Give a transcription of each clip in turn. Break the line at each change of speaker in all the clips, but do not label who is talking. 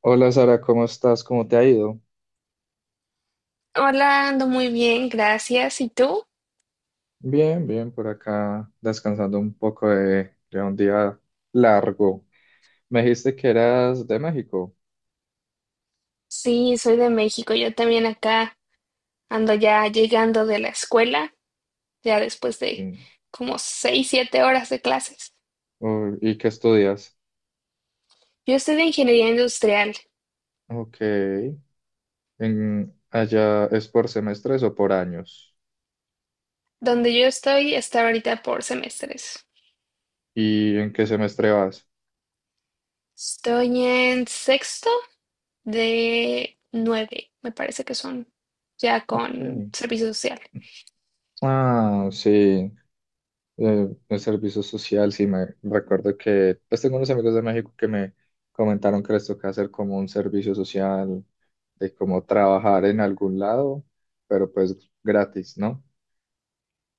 Hola Sara, ¿cómo estás? ¿Cómo te ha ido?
Hola, ando muy bien, gracias. ¿Y tú?
Bien, bien, por acá descansando un poco de un día largo. Me dijiste que eras de México.
Sí, soy de México. Yo también acá ando ya llegando de la escuela, ya después de
Sí.
como 6, 7 horas de clases.
Oh, ¿y qué estudias?
Yo estoy de ingeniería industrial.
Ok. ¿Allá es por semestres o por años?
Donde yo estoy está ahorita por semestres.
¿Y en qué semestre vas?
Estoy en sexto de nueve, me parece que son ya
Ok.
con servicio social.
Ah, sí. El servicio social, sí, me recuerdo que, pues tengo unos amigos de México que me comentaron que les toca hacer como un servicio social, de como trabajar en algún lado, pero pues gratis, ¿no?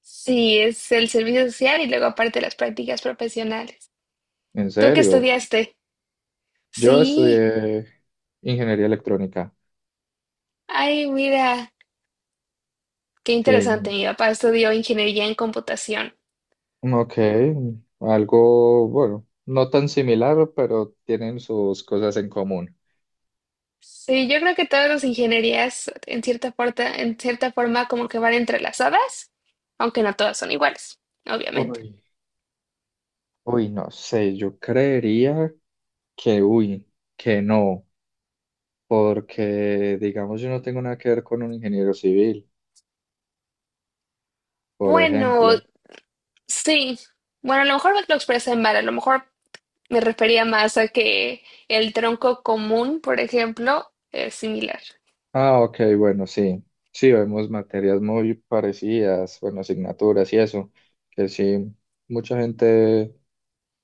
Sí, es el servicio social y luego aparte las prácticas profesionales.
En
¿Tú qué
serio,
estudiaste?
yo
Sí.
estudié ingeniería electrónica.
Ay, mira, qué interesante.
Sí,
Mi papá estudió ingeniería en computación.
ok, algo, bueno, no tan similar, pero tienen sus cosas en común.
Sí, yo creo que todas las ingenierías, en cierta forma, como que van entrelazadas, aunque no todas son iguales, obviamente.
Uy, uy, no sé, yo creería que, uy, que no. Porque, digamos, yo no tengo nada que ver con un ingeniero civil, por
Bueno,
ejemplo.
sí. Bueno, a lo mejor lo expresé mal, a lo mejor me refería más a que el tronco común, por ejemplo, es similar.
Ah, ok, bueno, sí. Sí, vemos materias muy parecidas, bueno, asignaturas y eso, que sí, mucha gente,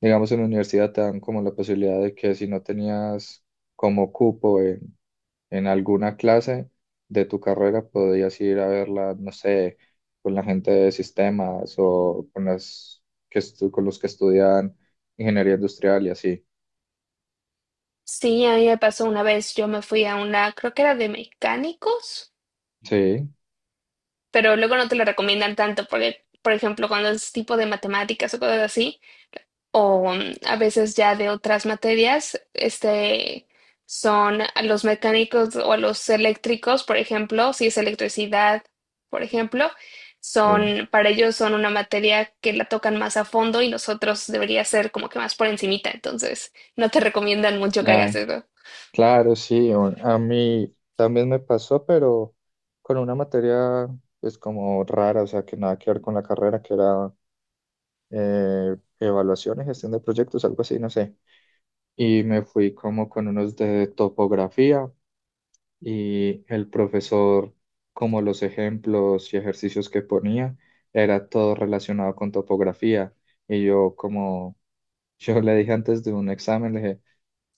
digamos, en la universidad te dan como la posibilidad de que si no tenías como cupo en alguna clase de tu carrera, podías ir a verla, no sé, con la gente de sistemas o con las con los que estudian ingeniería industrial y así.
Sí, a mí me pasó una vez, yo me fui a una, creo que era de mecánicos.
Sí,
Pero luego no te lo recomiendan tanto porque, por ejemplo, cuando es tipo de matemáticas o cosas así, o a veces ya de otras materias, este, son a los mecánicos o a los eléctricos, por ejemplo, si es electricidad, por ejemplo,
sí.
son, para ellos son una materia que la tocan más a fondo y nosotros debería ser como que más por encimita, entonces no te recomiendan mucho que hagas
La,
eso.
claro, sí. A mí también me pasó, pero con una materia pues como rara, o sea, que nada que ver con la carrera, que era evaluación y gestión de proyectos, algo así, no sé. Y me fui como con unos de topografía y el profesor, como los ejemplos y ejercicios que ponía, era todo relacionado con topografía. Y yo como, yo le dije antes de un examen, le dije,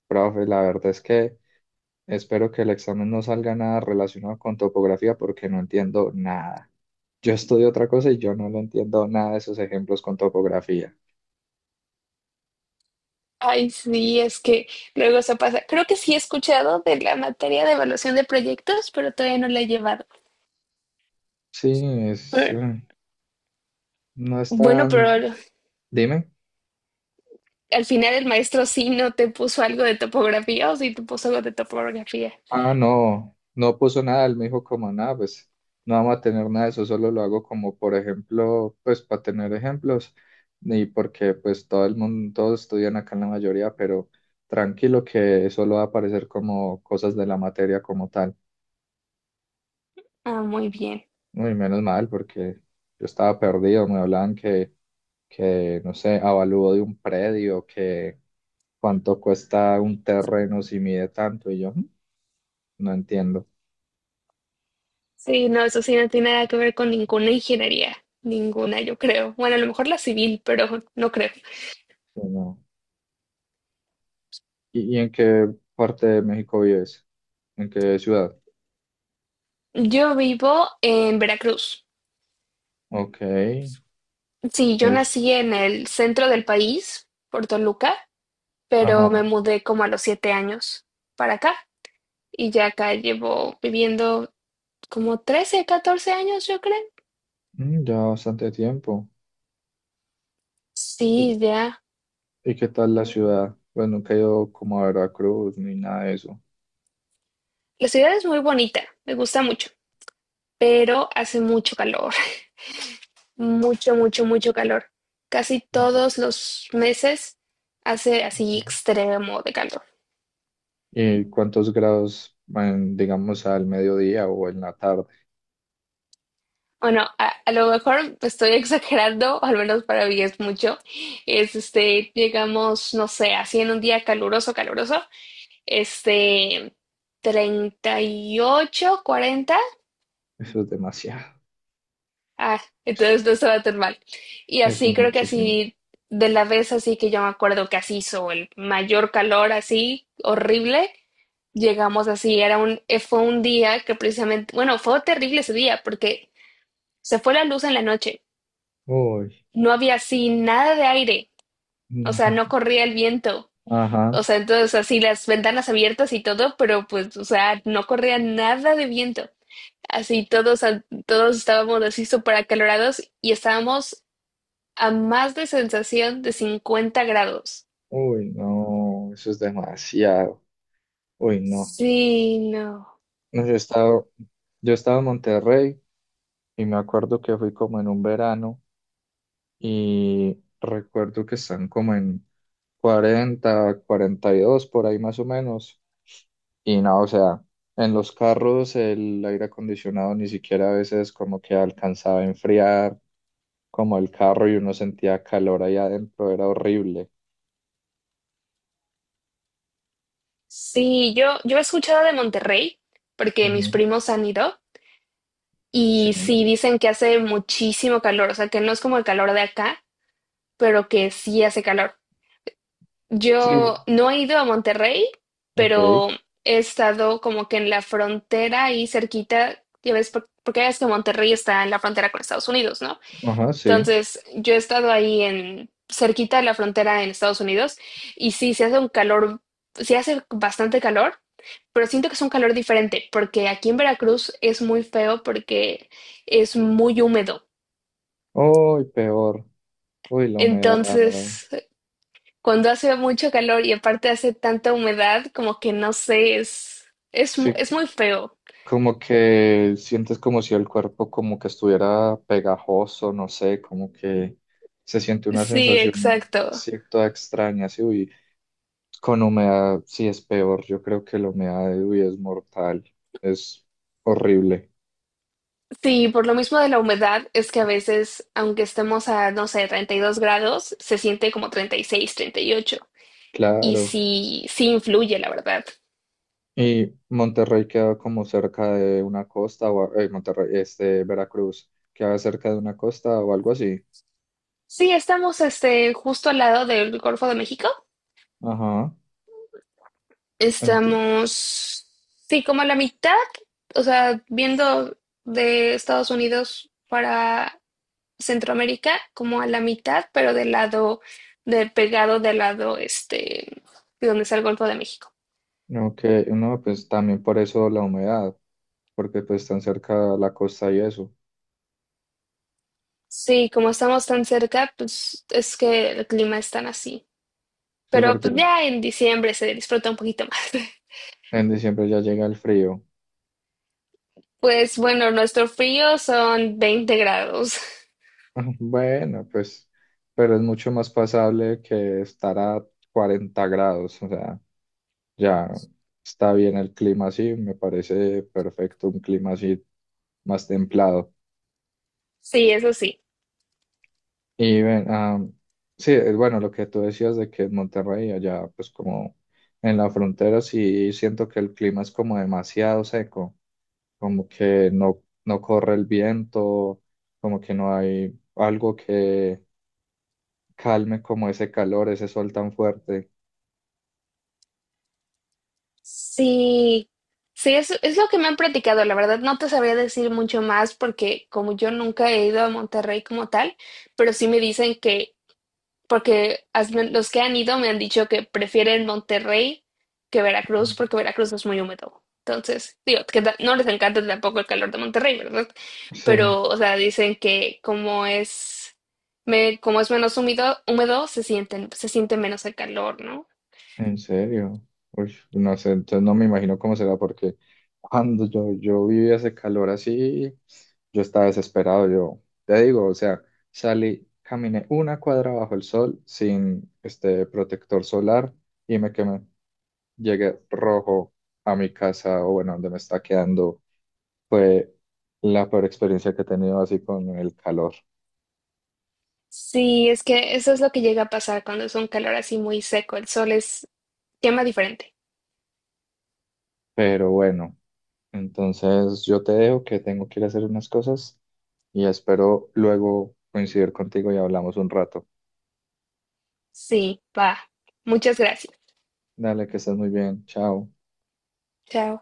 profe, la verdad es que... Espero que el examen no salga nada relacionado con topografía porque no entiendo nada. Yo estudio otra cosa y yo no le entiendo nada de esos ejemplos con topografía.
Ay, sí, es que luego se pasa. Creo que sí he escuchado de la materia de evaluación de proyectos, pero todavía no la he llevado.
Sí, es,
Eh,
eh, no es
Bueno, pero
tan...
al
Dime.
al final el maestro sí no te puso algo de topografía o sí te puso algo de topografía.
Ah, no, no puso nada. Él me dijo como nada, pues no vamos a tener nada de eso, solo lo hago como por ejemplo, pues para tener ejemplos y porque pues todo el mundo, todos estudian acá en la mayoría, pero tranquilo que solo va a aparecer como cosas de la materia como tal.
Ah, muy bien.
Uy, menos mal, porque yo estaba perdido. Me hablaban que, no sé, avalúo de un predio, que cuánto cuesta un terreno si mide tanto. Y yo, "Mm, no entiendo.
Sí, no, eso sí no tiene nada que ver con ninguna ingeniería. Ninguna, yo creo. Bueno, a lo mejor la civil, pero no creo.
Sí, no. ¿Y en qué parte de México vives? ¿En qué ciudad?
Yo vivo en Veracruz.
Ok,
Sí, yo nací
es...
en el centro del país, por Luca. Pero me
Ajá.
mudé como a los 7 años para acá y ya acá llevo viviendo como 13, 14 años, yo creo.
Ya bastante tiempo.
Sí,
¿Y,
ya.
y qué tal la ciudad? Pues nunca he ido como a Veracruz ni nada de eso.
La ciudad es muy bonita, me gusta mucho, pero hace mucho calor, mucho, mucho, mucho calor. Casi todos los meses hace así
Ok.
extremo de calor.
¿Y cuántos grados, en, digamos, al mediodía o en la tarde?
Bueno, a lo mejor estoy exagerando, o al menos para mí es mucho. Es este, llegamos, no sé, así en un día caluroso, caluroso. Este, 38, 40.
Eso es demasiado.
Ah, entonces no estaba tan mal. Y
Eso
así,
es
creo que
muchísimo.
así, de la vez así que yo me acuerdo que así hizo el mayor calor, así, horrible. Llegamos así, era un, fue un día que precisamente, bueno, fue terrible ese día porque se fue la luz en la noche.
Uy,
No había así nada de aire, o sea, no
no.
corría el viento.
Ajá.
O sea, entonces así las ventanas abiertas y todo, pero pues, o sea, no corría nada de viento. Así todos, todos estábamos así súper acalorados y estábamos a más de sensación de 50 grados.
Uy, no. Eso es demasiado. Uy, no.
Sí, no.
No, yo he estado en Monterrey y me acuerdo que fui como en un verano y recuerdo que están como en 40-42 por ahí más o menos. Y no, o sea, en los carros el aire acondicionado ni siquiera a veces como que alcanzaba a enfriar como el carro y uno sentía calor ahí adentro, era horrible.
Sí, yo he escuchado de Monterrey porque mis
Ujú.
primos han ido
Sí,
y sí dicen que hace muchísimo calor, o sea que no es como el calor de acá, pero que sí hace calor.
sí,
Yo no he ido a Monterrey,
ok,
pero he estado como que en la frontera ahí cerquita, ya ves, porque ya ves que Monterrey está en la frontera con Estados Unidos, ¿no?
ajá, sí.
Entonces, yo he estado ahí en cerquita de la frontera en Estados Unidos y sí, se hace un calor, sí hace bastante calor, pero siento que es un calor diferente porque aquí en Veracruz es muy feo porque es muy húmedo.
Uy, peor, uy, la humedad,
Entonces, cuando hace mucho calor y aparte hace tanta humedad, como que no sé,
sí,
es muy feo.
como que sientes como si el cuerpo como que estuviera pegajoso, no sé, como que se siente una
Sí,
sensación
exacto.
cierta extraña, sí, uy, con humedad sí es peor, yo creo que la humedad, uy, es mortal, es horrible,
Sí, por lo mismo de la humedad, es que a veces, aunque estemos a, no sé, 32 grados, se siente como 36, 38. Y ocho. Y
claro.
sí, sí influye, la verdad.
Y Monterrey queda como cerca de una costa, Monterrey, Veracruz, queda cerca de una costa o algo así.
Sí, estamos este, justo al lado del Golfo de México.
Ajá, ent-
Estamos, sí, como a la mitad, o sea, viendo de Estados Unidos para Centroamérica, como a la mitad, pero del lado, de pegado del lado, este, de donde está el Golfo de México.
ok, no, pues también por eso la humedad. Porque pues están cerca a la costa y eso.
Sí, como estamos tan cerca, pues es que el clima es tan así.
Sí,
Pero
porque
pues ya en diciembre se disfruta un poquito más.
en diciembre ya llega el frío.
Pues bueno, nuestro frío son 20 grados.
Bueno, pues, pero es mucho más pasable que estar a 40 grados, o sea, ya está bien el clima así, me parece perfecto un clima así más templado.
Sí, eso sí.
Y ven, ah, sí, bueno, lo que tú decías de que en Monterrey, allá pues como en la frontera, sí siento que el clima es como demasiado seco. Como que no, no corre el viento, como que no hay algo que calme como ese calor, ese sol tan fuerte.
Sí, sí, es lo que me han platicado. La verdad, no te sabría decir mucho más porque como yo nunca he ido a Monterrey como tal, pero sí me dicen que porque los que han ido me han dicho que prefieren Monterrey que Veracruz,
Ujú.
porque Veracruz es muy húmedo. Entonces, digo, que no les encanta tampoco el calor de Monterrey, ¿verdad?
Sí,
Pero, o sea, dicen que como es, me, como es menos húmedo, se siente menos el calor, ¿no?
en serio. Uy, no sé, entonces no me imagino cómo será, porque cuando yo vivía ese calor así, yo estaba desesperado, yo te digo, o sea, salí, caminé una cuadra bajo el sol sin este protector solar y me quemé. Llegué rojo a mi casa o bueno, donde me está quedando. Fue la peor experiencia que he tenido así con el calor.
Sí, es que eso es lo que llega a pasar cuando es un calor así muy seco. El sol es, quema diferente.
Pero bueno, entonces yo te dejo que tengo que ir a hacer unas cosas y espero luego coincidir contigo y hablamos un rato.
Sí, va. Muchas gracias.
Dale, que estés muy bien. Chao.
Chao.